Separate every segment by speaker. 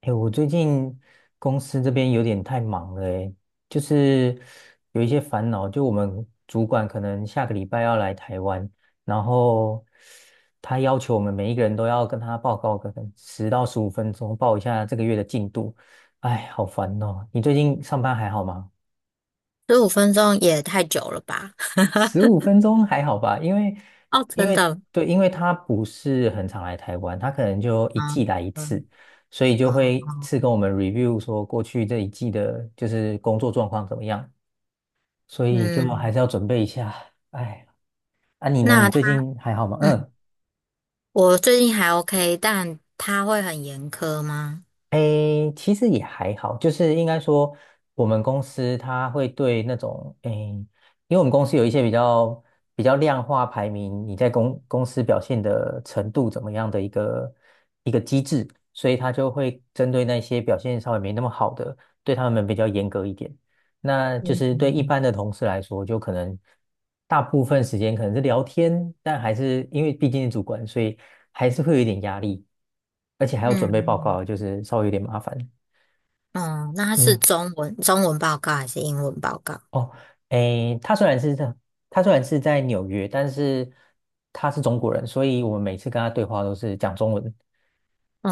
Speaker 1: 哎，我最近公司这边有点太忙了，哎，就是有一些烦恼。就我们主管可能下个礼拜要来台湾，然后他要求我们每一个人都要跟他报告个10到15分钟，报一下这个月的进度。哎，好烦哦！你最近上班还好吗？
Speaker 2: 15分钟也太久了吧？
Speaker 1: 十五 分钟还好吧，因为
Speaker 2: 哦，
Speaker 1: 因
Speaker 2: 真
Speaker 1: 为
Speaker 2: 的。
Speaker 1: 对，因为他不是很常来台湾，他可能就一季
Speaker 2: 嗯
Speaker 1: 来一次，
Speaker 2: 嗯。
Speaker 1: 所以就
Speaker 2: 哦
Speaker 1: 会一
Speaker 2: 哦。
Speaker 1: 次跟我们 review 说过去这一季的就是工作状况怎么样，所以就还
Speaker 2: 嗯。
Speaker 1: 是要准备一下。哎，啊你呢？
Speaker 2: 那
Speaker 1: 你
Speaker 2: 他，
Speaker 1: 最近还好吗？
Speaker 2: 嗯，
Speaker 1: 嗯，
Speaker 2: 我最近还 OK，但他会很严苛吗？
Speaker 1: 诶，其实也还好，就是应该说，我们公司它会对那种诶，因为我们公司有一些比较量化排名，你在公司表现的程度怎么样的一个机制，所以它就会针对那些表现稍微没那么好的，对他们比较严格一点。那就
Speaker 2: 嗯
Speaker 1: 是对一
Speaker 2: 嗯
Speaker 1: 般的同事来说，就可能大部分时间可能是聊天，但还是因为毕竟是主管，所以还是会有一点压力，而且还要
Speaker 2: 嗯。
Speaker 1: 准备报
Speaker 2: 嗯。
Speaker 1: 告，就是稍微有点麻烦。
Speaker 2: 哦，那他是
Speaker 1: 嗯，
Speaker 2: 中文报告还是英文报告？
Speaker 1: 哦，诶，他虽然是在纽约，但是他是中国人，所以我们每次跟他对话都是讲中文。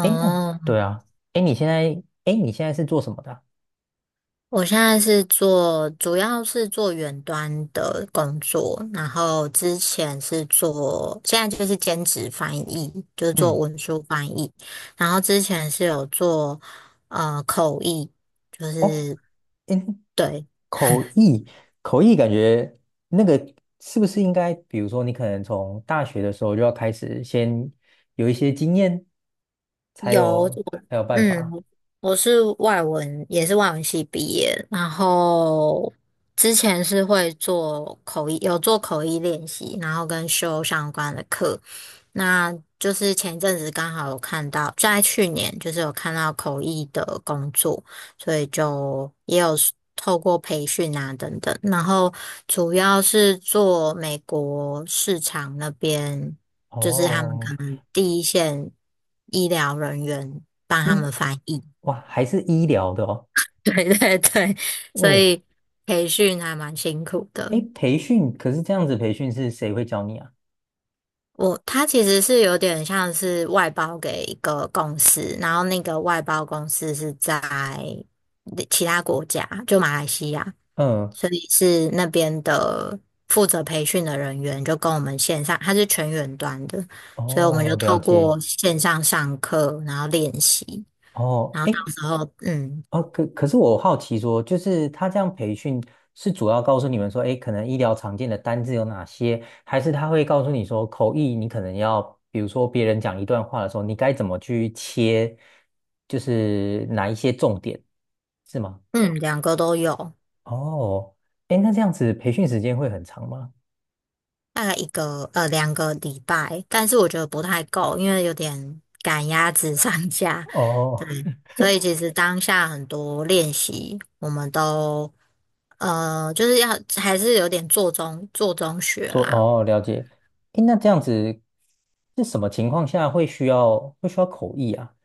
Speaker 1: 诶，那对啊，诶，你现在是做什么的啊？
Speaker 2: 我现在是做，主要是做远端的工作，然后之前是做，现在就是兼职翻译，就是做
Speaker 1: 嗯，
Speaker 2: 文书翻译，然后之前是有做口译，就
Speaker 1: 哦，
Speaker 2: 是
Speaker 1: 诶，
Speaker 2: 对。
Speaker 1: 口译，口译感觉那个是不是应该，比如说你可能从大学的时候就要开始，先有一些经验，才
Speaker 2: 有。
Speaker 1: 有才有办
Speaker 2: 嗯，
Speaker 1: 法。
Speaker 2: 我是外文，也是外文系毕业，然后之前是会做口译，有做口译练习，然后跟修相关的课。那就是前一阵子刚好有看到，在去年就是有看到口译的工作，所以就也有 透过培训啊等等，然后主要是做美国市场那边，就是他们可
Speaker 1: 哦，
Speaker 2: 能第一线医疗人员帮他
Speaker 1: 医，
Speaker 2: 们翻译。
Speaker 1: 哇，还是医疗的哦。
Speaker 2: 对对对，所
Speaker 1: 哦，
Speaker 2: 以培训还蛮辛苦
Speaker 1: 诶，
Speaker 2: 的。
Speaker 1: 培训，可是这样子培训是谁会教你啊？
Speaker 2: 他其实是有点像是外包给一个公司，然后那个外包公司是在其他国家，就马来西亚，
Speaker 1: 嗯，
Speaker 2: 所以是那边的负责培训的人员就跟我们线上，他是全远端的，所以我们就
Speaker 1: 哦，了
Speaker 2: 透
Speaker 1: 解。
Speaker 2: 过线上上课，然后练习，
Speaker 1: 哦，
Speaker 2: 然后到
Speaker 1: 哎，
Speaker 2: 时候嗯
Speaker 1: 哦，可是我好奇说，就是他这样培训是主要告诉你们说，诶，可能医疗常见的单字有哪些，还是他会告诉你说，口译你可能要，比如说别人讲一段话的时候，你该怎么去切，就是哪一些重点，是吗？
Speaker 2: 嗯两个都有。
Speaker 1: 哦，诶，那这样子培训时间会很长吗？
Speaker 2: 大概2个礼拜，但是我觉得不太够，因为有点赶鸭子上架。
Speaker 1: 哦，
Speaker 2: 所以其实当下很多练习，我们都就是要还是有点做中学啦。
Speaker 1: 哦，了解。诶，那这样子是什么情况下会需要口译啊？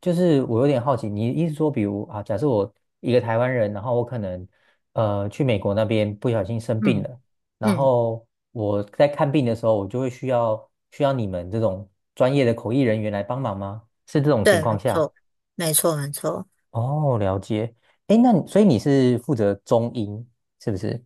Speaker 1: 就是我有点好奇，你意思说，比如啊，假设我一个台湾人，然后我可能去美国那边不小心生病
Speaker 2: 嗯。
Speaker 1: 了，然
Speaker 2: 嗯，
Speaker 1: 后我在看病的时候，我就会需要你们这种专业的口译人员来帮忙吗？是这种情
Speaker 2: 对，
Speaker 1: 况
Speaker 2: 没
Speaker 1: 下？
Speaker 2: 错，没错，没错。
Speaker 1: 哦，了解。诶，那你所以你是负责中英是不是？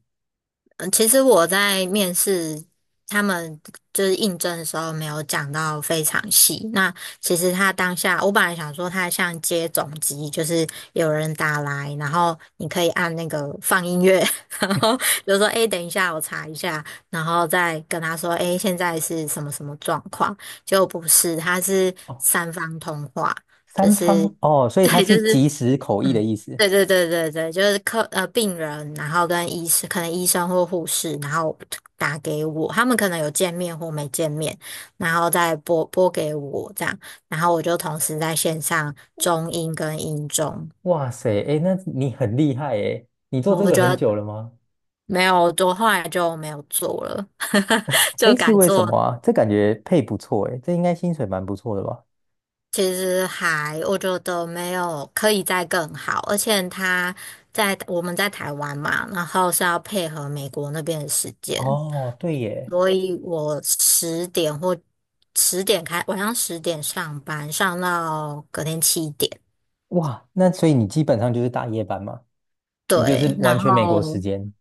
Speaker 2: 嗯，其实我在面试他们就是应征的时候，没有讲到非常细。那其实他当下，我本来想说他像接总机，就是有人打来，然后你可以按那个放音乐。然后比如说：“诶，等一下，我查一下。”然后再跟他说：“诶，现在是什么什么状况？”结果不是，他是
Speaker 1: 哦，
Speaker 2: 三方通话。就
Speaker 1: 三
Speaker 2: 是
Speaker 1: 方哦，所以它
Speaker 2: 对，就
Speaker 1: 是
Speaker 2: 是
Speaker 1: 即时口译的
Speaker 2: 嗯，
Speaker 1: 意思。
Speaker 2: 对对对对对，就是病人，然后跟医生，可能医生或护士，然后打给我，他们可能有见面或没见面，然后再拨给我这样，然后我就同时在线上中英跟英中。
Speaker 1: 哇塞，哎，那你很厉害哎，你做
Speaker 2: 然后
Speaker 1: 这
Speaker 2: 我
Speaker 1: 个
Speaker 2: 觉
Speaker 1: 很
Speaker 2: 得
Speaker 1: 久了吗？
Speaker 2: 没有，我后来就没有做了。就
Speaker 1: 哎，
Speaker 2: 改
Speaker 1: 是为什么
Speaker 2: 做。
Speaker 1: 啊？这感觉配不错哎，这应该薪水蛮不错的吧？
Speaker 2: 其实我觉得没有可以再更好，而且在我们在台湾嘛，然后是要配合美国那边的时间，
Speaker 1: 哦，对耶，
Speaker 2: 所以我十点或十点开，晚上十点上班，上到隔天7点。
Speaker 1: 哇，那所以你基本上就是大夜班嘛，你就是
Speaker 2: 对，然
Speaker 1: 完全美国时
Speaker 2: 后
Speaker 1: 间。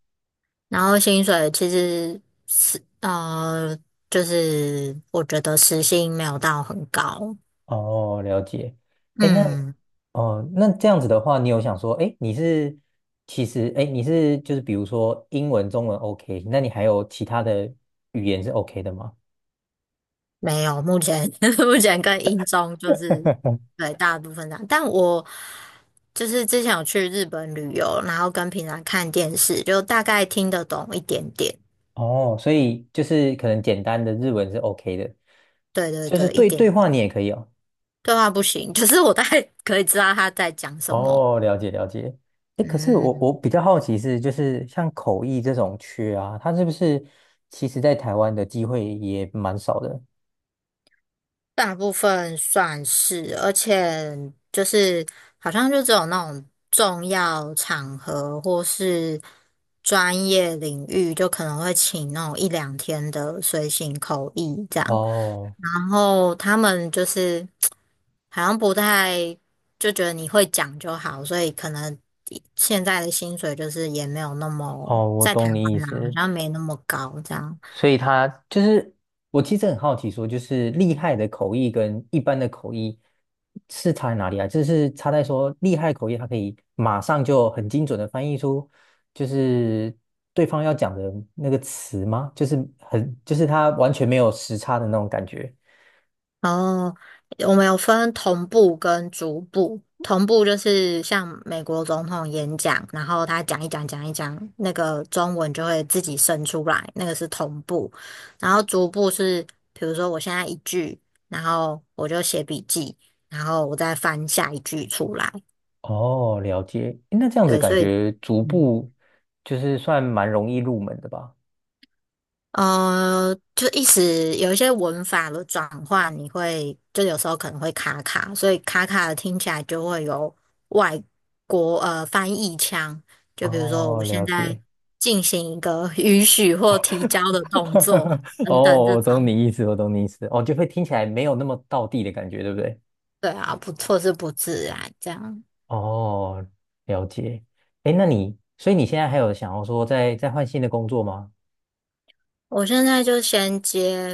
Speaker 2: 然后薪水其实是呃，就是我觉得时薪没有到很高。
Speaker 1: 哦，了解。哎，那
Speaker 2: 嗯。
Speaker 1: 哦，那这样子的话，你有想说，哎，你是其实哎，你是就是比如说英文、中文 OK，那你还有其他的语言是 OK 的吗？
Speaker 2: 没有，目前 目前跟英中就是 对大部分这样，但我就是之前有去日本旅游，然后跟平常看电视，就大概听得懂一点点。
Speaker 1: 哦，所以就是可能简单的日文是 OK 的，
Speaker 2: 对对
Speaker 1: 就是
Speaker 2: 对，一
Speaker 1: 对
Speaker 2: 点
Speaker 1: 对话
Speaker 2: 点。
Speaker 1: 你也可以哦。
Speaker 2: 对话不行，可是我大概可以知道他在讲什么。
Speaker 1: 哦，了解了解。哎，可是我
Speaker 2: 嗯，
Speaker 1: 我比较好奇是，就是像口译这种缺啊，它是不是其实在台湾的机会也蛮少的？
Speaker 2: 大部分算是，而且就是好像就只有那种重要场合或是专业领域，就可能会请那种一两天的随行口译这样。
Speaker 1: 哦
Speaker 2: 然后他们就是好像不太就觉得你会讲就好，所以可能现在的薪水就是也没有那么
Speaker 1: 哦，我
Speaker 2: 在台
Speaker 1: 懂你意
Speaker 2: 湾啦，好
Speaker 1: 思。
Speaker 2: 像没那么高这样。
Speaker 1: 所以他就是，我其实很好奇说，就是厉害的口译跟一般的口译是差在哪里啊？就是差在说厉害口译，它可以马上就很精准的翻译出，就是对方要讲的那个词吗？就是很，就是它完全没有时差的那种感觉。
Speaker 2: 哦，我们有分同步跟逐步。同步就是像美国总统演讲，然后他讲一讲讲一讲，那个中文就会自己生出来，那个是同步。然后逐步是，比如说我现在一句，然后我就写笔记，然后我再翻下一句出来。
Speaker 1: 哦，了解。诶那这样子
Speaker 2: 对，
Speaker 1: 感
Speaker 2: 所以
Speaker 1: 觉逐步就是算蛮容易入门的吧？
Speaker 2: 就意思有一些文法的转换，你会就有时候可能会卡卡，所以卡卡的听起来就会有外国翻译腔。就比如说，
Speaker 1: 哦，
Speaker 2: 我
Speaker 1: 了
Speaker 2: 现在
Speaker 1: 解。
Speaker 2: 进行一个 允许或提交的动作 等等
Speaker 1: 哦，
Speaker 2: 这
Speaker 1: 我懂
Speaker 2: 种。
Speaker 1: 你意思，我懂你意思。哦，就会听起来没有那么道地的感觉，对不对？
Speaker 2: 对啊，不错是不自然这样。
Speaker 1: 哦，了解。哎，那你，所以你现在还有想要说再换新的工作吗？
Speaker 2: 我现在就先接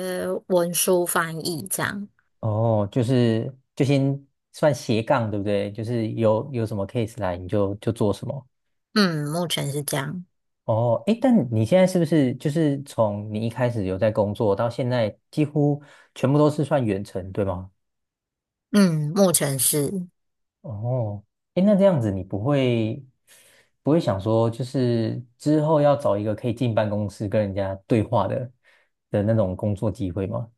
Speaker 2: 文书翻译这样。
Speaker 1: 哦，就是就先算斜杠，对不对？就是有什么 case 来，你就做什么。
Speaker 2: 嗯，目前是这样。
Speaker 1: 哦，哎，但你现在是不是就是从你一开始有在工作到现在，几乎全部都是算远程，对吗？
Speaker 2: 嗯，目前是，
Speaker 1: 哦，哎，那这样子你不会想说，就是之后要找一个可以进办公室跟人家对话的那种工作机会吗？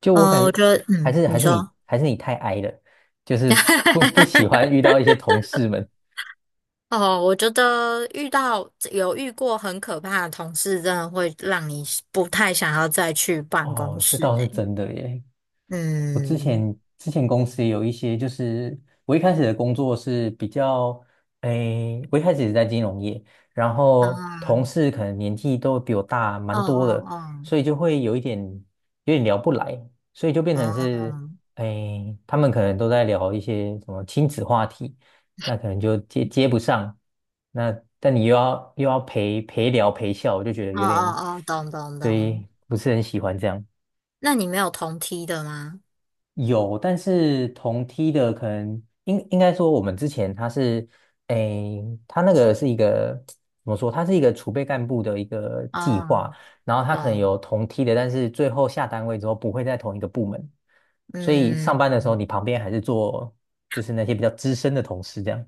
Speaker 1: 就我感
Speaker 2: 我
Speaker 1: 觉
Speaker 2: 觉得，
Speaker 1: 还
Speaker 2: 嗯，
Speaker 1: 是
Speaker 2: 你
Speaker 1: 还是你
Speaker 2: 说。
Speaker 1: 还是你太 i 了，就是不喜欢遇 到一些同事们。
Speaker 2: 哦，我觉得有遇过很可怕的同事，真的会让你不太想要再去办公
Speaker 1: 哦，这
Speaker 2: 室。
Speaker 1: 倒是真的耶。我之
Speaker 2: 嗯。
Speaker 1: 前之前公司有一些，就是我一开始的工作是比较，诶，我一开始也是在金融业，然后同
Speaker 2: 啊。
Speaker 1: 事可能年纪都比我大
Speaker 2: 哦
Speaker 1: 蛮多
Speaker 2: 哦
Speaker 1: 的，
Speaker 2: 哦。
Speaker 1: 所以就会有点聊不来，所以就变成
Speaker 2: 哦
Speaker 1: 是，诶，他们可能都在聊一些什么亲子话题，那可能就接不上，那但你又要陪聊陪笑，我就觉得
Speaker 2: 哦
Speaker 1: 有
Speaker 2: 哦
Speaker 1: 点，
Speaker 2: 哦。懂懂懂。
Speaker 1: 对，不是很喜欢这样。
Speaker 2: 那你没有同梯的吗？
Speaker 1: 有，但是同梯的可能应该说，我们之前他是，诶，他那个是一个怎么说？他是一个储备干部的一个计划，
Speaker 2: 哦，
Speaker 1: 然后他可能
Speaker 2: 懂。
Speaker 1: 有同梯的，但是最后下单位之后不会在同一个部门，所以上
Speaker 2: 嗯
Speaker 1: 班的时候
Speaker 2: 嗯
Speaker 1: 你旁边还是做就是那些比较资深的同事这样。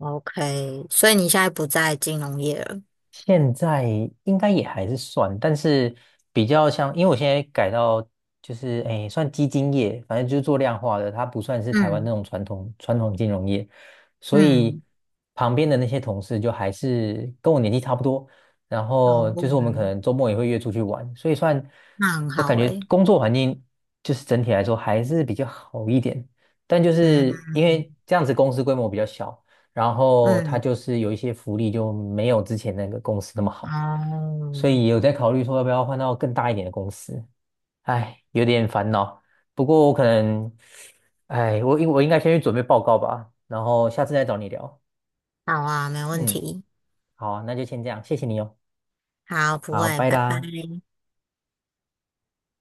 Speaker 2: ，OK。所以你现在不在金融业了。
Speaker 1: 现在应该也还是算，但是比较像，因为我现在改到就是诶，算基金业，反正就是做量化的，它不算是台湾那
Speaker 2: 嗯
Speaker 1: 种传统金融业，所以
Speaker 2: 嗯。
Speaker 1: 旁边的那些同事就还是跟我年纪差不多，然
Speaker 2: 哦。
Speaker 1: 后就是我们可
Speaker 2: 嗯
Speaker 1: 能周末也会约出去玩，所以算
Speaker 2: 那很
Speaker 1: 我
Speaker 2: 好
Speaker 1: 感觉
Speaker 2: 诶。
Speaker 1: 工作环境就是整体来说还是比较好一点，但就是因
Speaker 2: 嗯
Speaker 1: 为这样子公司规模比较小。然后他
Speaker 2: 嗯。
Speaker 1: 就是有一些福利就没有之前那个公司那么好，所
Speaker 2: 哦。
Speaker 1: 以有在考虑说要不要换到更大一点的公司，哎，有点烦恼。不过我可能，哎，我应该先去准备报告吧，然后下次再找你聊。
Speaker 2: 好啊，没问
Speaker 1: 嗯，
Speaker 2: 题。
Speaker 1: 好啊那就先这样，谢谢你哦，
Speaker 2: 好，不
Speaker 1: 好，
Speaker 2: 会，
Speaker 1: 拜
Speaker 2: 拜拜。
Speaker 1: 啦。